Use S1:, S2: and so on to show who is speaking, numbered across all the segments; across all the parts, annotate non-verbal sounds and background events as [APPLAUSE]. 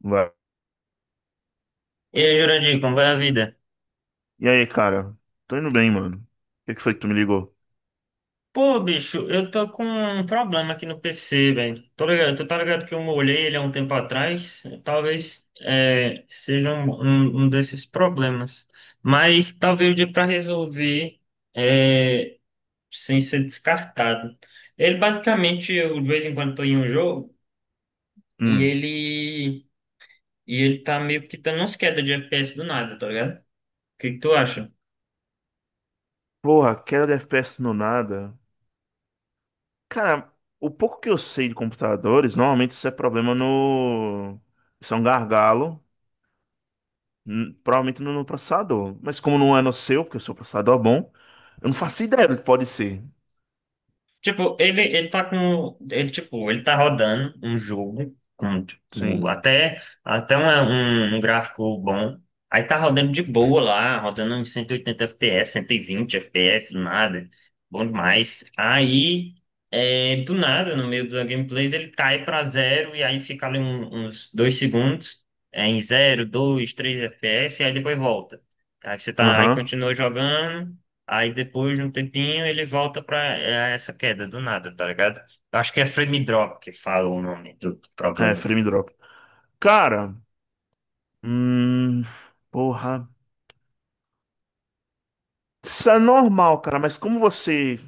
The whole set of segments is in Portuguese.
S1: Vai.
S2: E aí, Jurandir, como vai a vida?
S1: E aí, cara? Tô indo bem, mano. O que que foi que tu me ligou?
S2: Pô, bicho, eu tô com um problema aqui no PC, velho. Tô ligado, tu tá ligado que eu molhei ele há um tempo atrás? Talvez seja um desses problemas. Mas talvez dê pra resolver é, sem ser descartado. Ele basicamente, eu de vez em quando tô em um jogo e
S1: Hum.
S2: ele, e ele tá meio que dando umas quedas de FPS do nada, tá ligado? O que que tu acha?
S1: Porra, queda de FPS no nada. Cara, o pouco que eu sei de computadores, normalmente isso é problema no. Isso é um gargalo. Provavelmente no processador. Mas como não é no seu, porque o seu processador é bom, eu não faço ideia do que pode ser.
S2: Tipo, ele tá com. Tipo, ele tá rodando um jogo com, tipo,
S1: Sim.
S2: até um gráfico bom. Aí tá rodando de boa lá, rodando uns 180 FPS, 120 FPS, do nada. Bom demais. Aí, do nada, no meio da gameplay, ele cai pra zero e aí fica ali uns dois segundos, em zero, dois, três FPS, e aí depois volta. Aí
S1: Aham.
S2: continua jogando. Aí depois de um tempinho ele volta pra essa queda do nada, tá ligado? Eu acho que é frame drop que fala o nome do
S1: É,
S2: problema.
S1: frame drop. Cara, hum. Porra. Isso é normal, cara, mas como você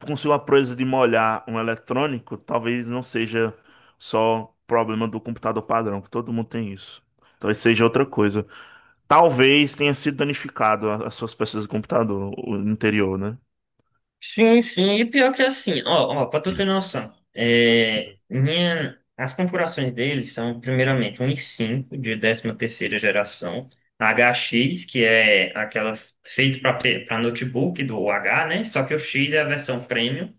S1: com sua proeza de molhar um eletrônico, talvez não seja só problema do computador padrão, que todo mundo tem isso. Talvez seja outra coisa. Talvez tenha sido danificado as suas peças do computador, o interior, né?
S2: Sim, sim, e pior que é assim, ó, ó, pra tu ter noção, as configurações deles são, primeiramente, um i5 de 13ª geração, HX, que é aquela feita para notebook do H, né? Só que o X é a versão premium.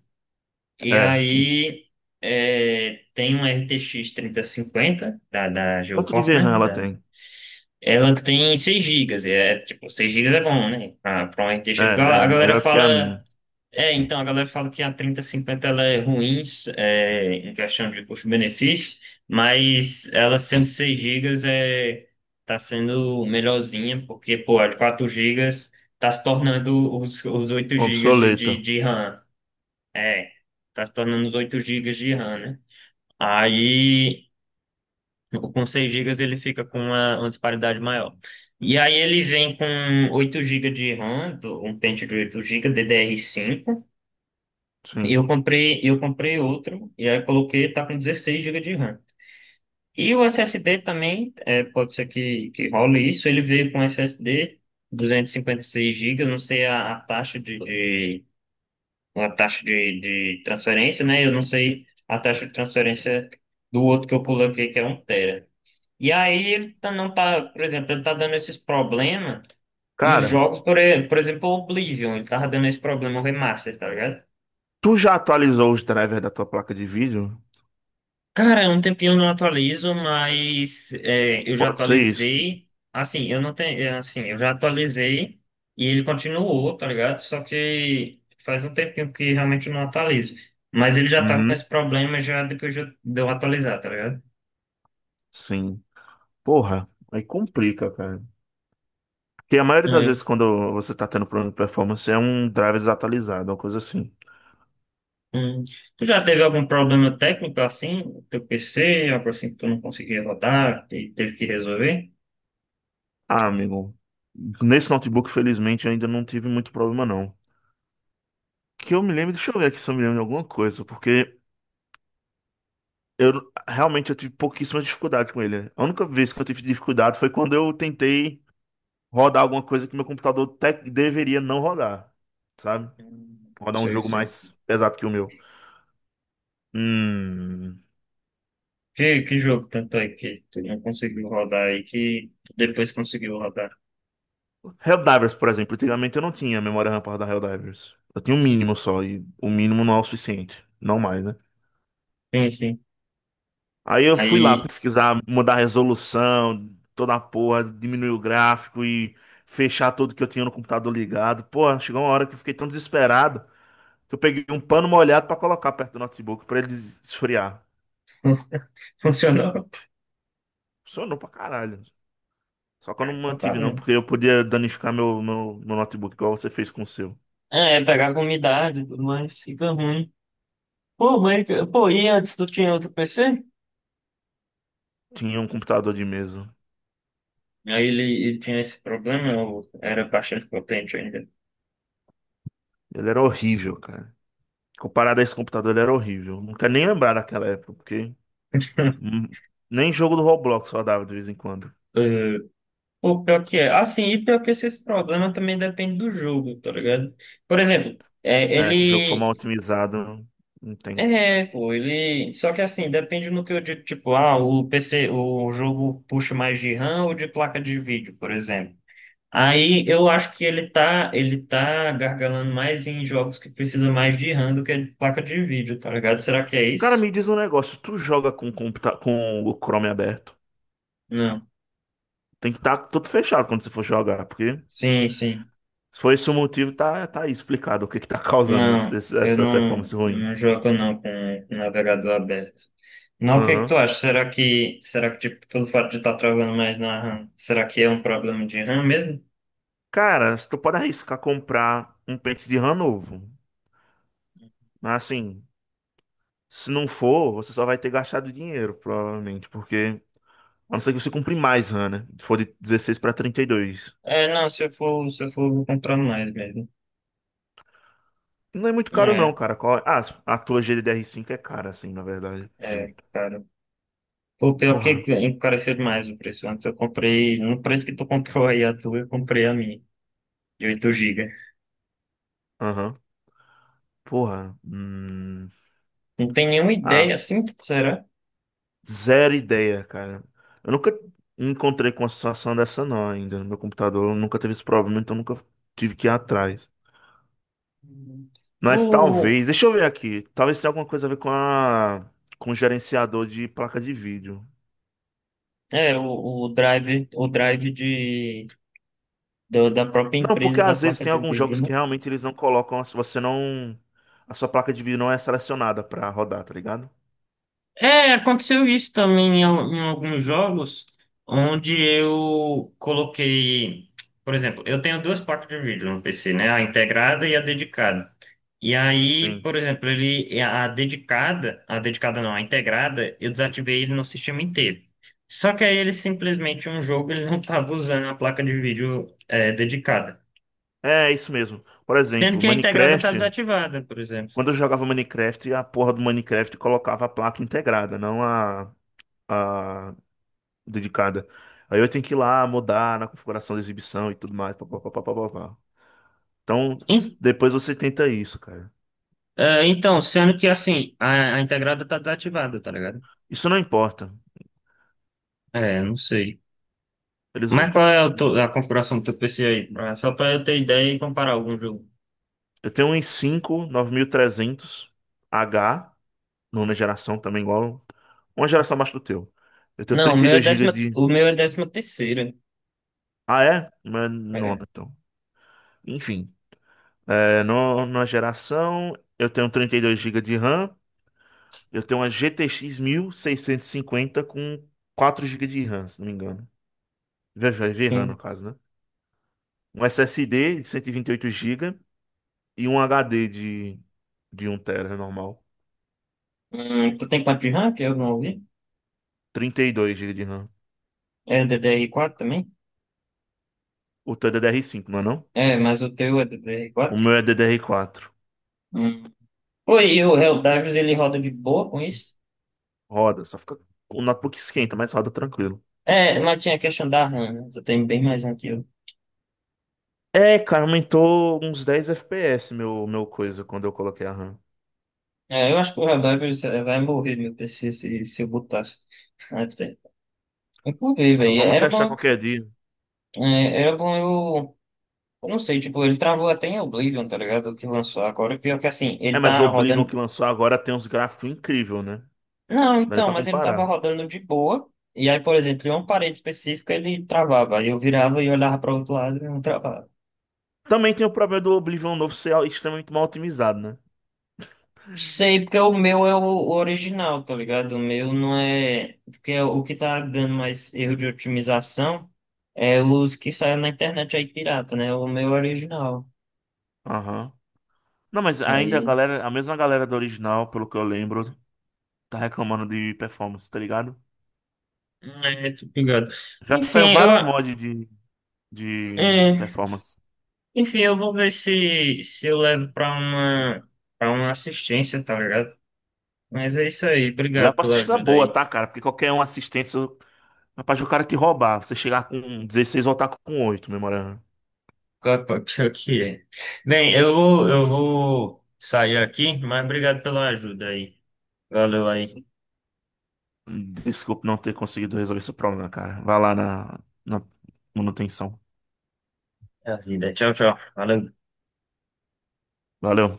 S2: E
S1: É, sim.
S2: aí tem uma RTX cinquenta da
S1: Quanto de
S2: GeForce, né?
S1: VRAM ela
S2: Da-
S1: tem?
S2: ela tem 6 gigas. É, tipo, 6 gigas é bom, né? Pra uma RTX.
S1: É,
S2: A
S1: é
S2: galera
S1: melhor que a
S2: fala.
S1: minha.
S2: É, então, a galera fala que a 3050 ela é ruim em questão de custo-benefício, mas ela sendo 6 gigas tá sendo melhorzinha, porque, pô, a de 4 gigas tá se tornando os 8 gigas de,
S1: Obsoleta.
S2: de, de RAM. É, tá se tornando os 8 gigas de RAM, né? Aí, com 6 gigas ele fica com uma disparidade maior. E aí ele vem com 8 gigas de RAM, um pente de 8 GB DDR5. E
S1: Sim.
S2: eu comprei, eu comprei outro, e aí coloquei, tá com 16 gigas de RAM. E o SSD também, pode ser que role isso, ele veio com SSD seis gigas, não sei a uma taxa de transferência, né? Eu não sei a taxa de transferência do outro que eu coloquei, que é um tera. E aí ele não tá, por exemplo, ele tá dando esses problemas em
S1: Cara,
S2: jogos, por exemplo, o Oblivion, ele tava dando esse problema no remaster, tá ligado?
S1: tu já atualizou os drivers da tua placa de vídeo?
S2: Cara, é um tempinho eu não atualizo, mas eu já
S1: Pode ser isso.
S2: atualizei. Assim, eu não tenho. Assim, eu já atualizei e ele continuou, tá ligado? Só que faz um tempinho que realmente eu não atualizo. Mas ele já tava com
S1: Uhum.
S2: esse problema já depois de eu atualizar, tá ligado?
S1: Sim. Porra, aí complica, cara. Que a maioria das
S2: É.
S1: vezes, quando você está tendo problema de performance, é um driver desatualizado, uma coisa assim.
S2: Hum. Tu já teve algum problema técnico assim? No teu PC, algo assim que tu não conseguia rodar e teve que resolver?
S1: Ah, amigo, nesse notebook, felizmente, eu ainda não tive muito problema, não. Que eu me lembro, deixa eu ver aqui se eu me lembro de alguma coisa, porque eu realmente eu tive pouquíssima dificuldade com ele. A única vez que eu tive dificuldade foi quando eu tentei rodar alguma coisa que meu computador deveria não rodar, sabe? Rodar um
S2: Sei,
S1: jogo
S2: sei.
S1: mais pesado que o meu. Hum.
S2: Que jogo tanto é que tu não conseguiu rodar aí que tu depois conseguiu rodar?
S1: Helldivers, por exemplo, antigamente eu não tinha memória RAM para da Helldivers. Eu tinha um mínimo só, e o mínimo não é o suficiente, não mais, né?
S2: Enfim,
S1: Aí eu fui lá
S2: aí
S1: pesquisar, mudar a resolução, toda a porra, diminuir o gráfico e fechar tudo que eu tinha no computador ligado. Porra, chegou uma hora que eu fiquei tão desesperado que eu peguei um pano molhado pra colocar perto do notebook pra ele esfriar.
S2: [LAUGHS] funcionou.
S1: Funcionou pra caralho. Só que eu
S2: Ah,
S1: não
S2: então tá
S1: mantive não,
S2: vendo.
S1: porque eu podia danificar meu notebook, igual você fez com o seu.
S2: É pegar com umidade e tudo mais, fica ruim. Pô, mas, pô, e antes tu tinha outro PC?
S1: Tinha um computador de mesa.
S2: Aí ele tinha esse problema, eu era bastante potente ainda.
S1: Ele era horrível, cara. Comparado a esse computador, ele era horrível. Não quero nem lembrar daquela época, porque hum, nem jogo do Roblox só dava de vez em quando.
S2: Eh, Pô, pior que é. Assim, e pior que esse problema também depende do jogo, tá ligado? Por exemplo,
S1: É, se o jogo for mal
S2: ele.
S1: otimizado, não tem.
S2: É, pô, ele. Só que assim, depende no que eu digo, tipo, ah, o PC, o jogo puxa mais de RAM ou de placa de vídeo, por exemplo. Aí eu acho que ele tá gargalando mais em jogos que precisam mais de RAM do que de placa de vídeo, tá ligado? Será que é
S1: Cara,
S2: isso?
S1: me diz um negócio. Tu joga com, computa com o Chrome aberto?
S2: Não.
S1: Tem que estar tudo fechado quando você for jogar, porque
S2: Sim, sim.
S1: se for esse o motivo, tá, tá aí explicado o que que tá [LAUGHS] causando
S2: Não, eu
S1: essa
S2: não,
S1: performance
S2: eu
S1: ruim.
S2: não jogo não com o navegador aberto. Não, o que que tu
S1: Aham.
S2: acha? Será que tipo, pelo fato de estar travando mais na RAM, será que é um problema de RAM mesmo?
S1: Cara, tu pode arriscar comprar um pente de RAM novo. Mas assim, se não for, você só vai ter gastado dinheiro, provavelmente, porque. A não ser que você compre mais RAM, né? Se for de 16 para 32.
S2: É, não, se eu for, eu vou comprar mais mesmo.
S1: Não é muito caro não,
S2: É,
S1: cara. Qual... Ah, a tua GDDR5 é cara, assim, na verdade.
S2: é, cara. Pô, pior que
S1: Porra.
S2: encareceu demais o preço. Antes eu comprei, no preço que tu comprou aí a tua, eu comprei a minha, de oito gigas.
S1: Aham. Porra. Hum.
S2: Não tem nenhuma
S1: Ah,
S2: ideia assim, será?
S1: zero ideia, cara. Eu nunca me encontrei com uma situação dessa não ainda no meu computador. Eu Nunca teve esse problema, então nunca tive que ir atrás.
S2: Hum. Tu,
S1: Mas talvez... Deixa eu ver aqui. Talvez tenha alguma coisa a ver com a... com o gerenciador de placa de vídeo.
S2: é, o, o drive da própria
S1: Não, porque
S2: empresa da
S1: às vezes
S2: placa
S1: tem
S2: de
S1: alguns
S2: vídeo,
S1: jogos
S2: né?
S1: que realmente eles não colocam, se você não. A sua placa de vídeo não é selecionada pra rodar, tá ligado?
S2: É, aconteceu isso também em alguns jogos, onde eu coloquei, por exemplo, eu tenho duas placas de vídeo no PC, né? A integrada e a dedicada. E aí,
S1: Sim.
S2: por exemplo, ele, a dedicada não, a integrada, eu desativei ele no sistema inteiro. Só que aí ele simplesmente, um jogo, ele não estava usando a placa de vídeo dedicada.
S1: É, é isso mesmo. Por
S2: Sendo
S1: exemplo,
S2: que a integrada está
S1: Minecraft,
S2: desativada, por exemplo.
S1: quando eu jogava Minecraft, a porra do Minecraft colocava a placa integrada, não a, a dedicada. Aí eu tenho que ir lá mudar na configuração da exibição e tudo mais. Pá, pá, pá, pá, pá, pá, pá. Então,
S2: En-
S1: depois você tenta isso, cara.
S2: Então, sendo que assim, a integrada está desativada, tá ligado?
S1: Isso não importa.
S2: É, não sei.
S1: Eles,
S2: Mas qual é a configuração do teu PC aí? Só pra eu ter ideia e comparar algum jogo.
S1: eu tenho um i5 5 9300 h nona geração também, igual. Uma geração abaixo do teu. Eu tenho
S2: Não, o meu é
S1: 32 gigas
S2: décima,
S1: de.
S2: o meu é décima terceira.
S1: Ah, é? Mas
S2: É,
S1: nona, então. Enfim, é, no, numa geração, eu tenho 32 gigas de RAM. Eu tenho uma GTX cinquenta com 4 gigas de RAM, se não me engano. VRAM, no
S2: sim.
S1: caso, né? Um SSD de 128 gigas e um HD de um tera normal.
S2: Tu tem quanto de RAM que eu não ouvi?
S1: 32 gigas de RAM.
S2: É D D DDR4 também?
S1: O teu é ddr cinco não é não?
S2: É, mas o teu é
S1: O
S2: DDR4?
S1: meu é ddr quatro.
S2: Hum. Pô, e o Helldivers ele roda de boa com isso?
S1: Roda, só fica. O notebook esquenta, mas roda tranquilo.
S2: É, mas tinha a questão da RAM, né? Tu tem bem mais RAM que eu.
S1: É, cara, aumentou uns 10 FPS meu coisa quando eu coloquei a RAM.
S2: É, eu acho que o Helldivers vai morrer meu PC se eu botasse. Até. Inclusive,
S1: Ah,
S2: velho,
S1: vamos testar qualquer dia.
S2: era bom eu. Eu não sei, tipo, ele travou até em Oblivion, tá ligado? O que lançou agora. Pior que assim,
S1: É,
S2: ele
S1: mas o
S2: tá
S1: Oblivion que
S2: rodando.
S1: lançou agora tem uns gráficos incríveis, né? Não
S2: Não,
S1: dá nem
S2: então,
S1: pra
S2: mas ele tava
S1: comparar.
S2: rodando de boa. E aí, por exemplo, em uma parede específica ele travava. Aí eu virava e olhava pra outro lado e não travava.
S1: Também tem o problema do Oblivion novo ser extremamente mal otimizado, né?
S2: Sei, porque o meu é o original, tá ligado? O meu não é. Porque é o que tá dando mais erro de otimização é os que saem na internet aí pirata, né? O meu é original.
S1: Aham. Não, mas ainda a
S2: Aí.
S1: galera, a mesma galera do original, pelo que eu lembro, tá reclamando de performance, tá ligado?
S2: É, tô ligado.
S1: Já
S2: Enfim,
S1: saiu
S2: eu.
S1: vários mods de
S2: É.
S1: performance.
S2: Enfim, eu vou ver se eu levo pra uma assistência, tá ligado? Mas é isso aí,
S1: Lá
S2: obrigado
S1: pra
S2: pela
S1: assistir é
S2: ajuda
S1: boa,
S2: aí.
S1: tá, cara? Porque qualquer um assistência Rapaz, o cara te roubar, você chegar com 16 voltar com oito memorando.
S2: Claro, pô. Pior que é. Bem, eu vou sair aqui, mas obrigado pela ajuda aí. Valeu aí,
S1: Desculpe não ter conseguido resolver esse problema, cara. Vai lá na, na manutenção.
S2: é a vida. Tchau, tchau. Valeu.
S1: Valeu.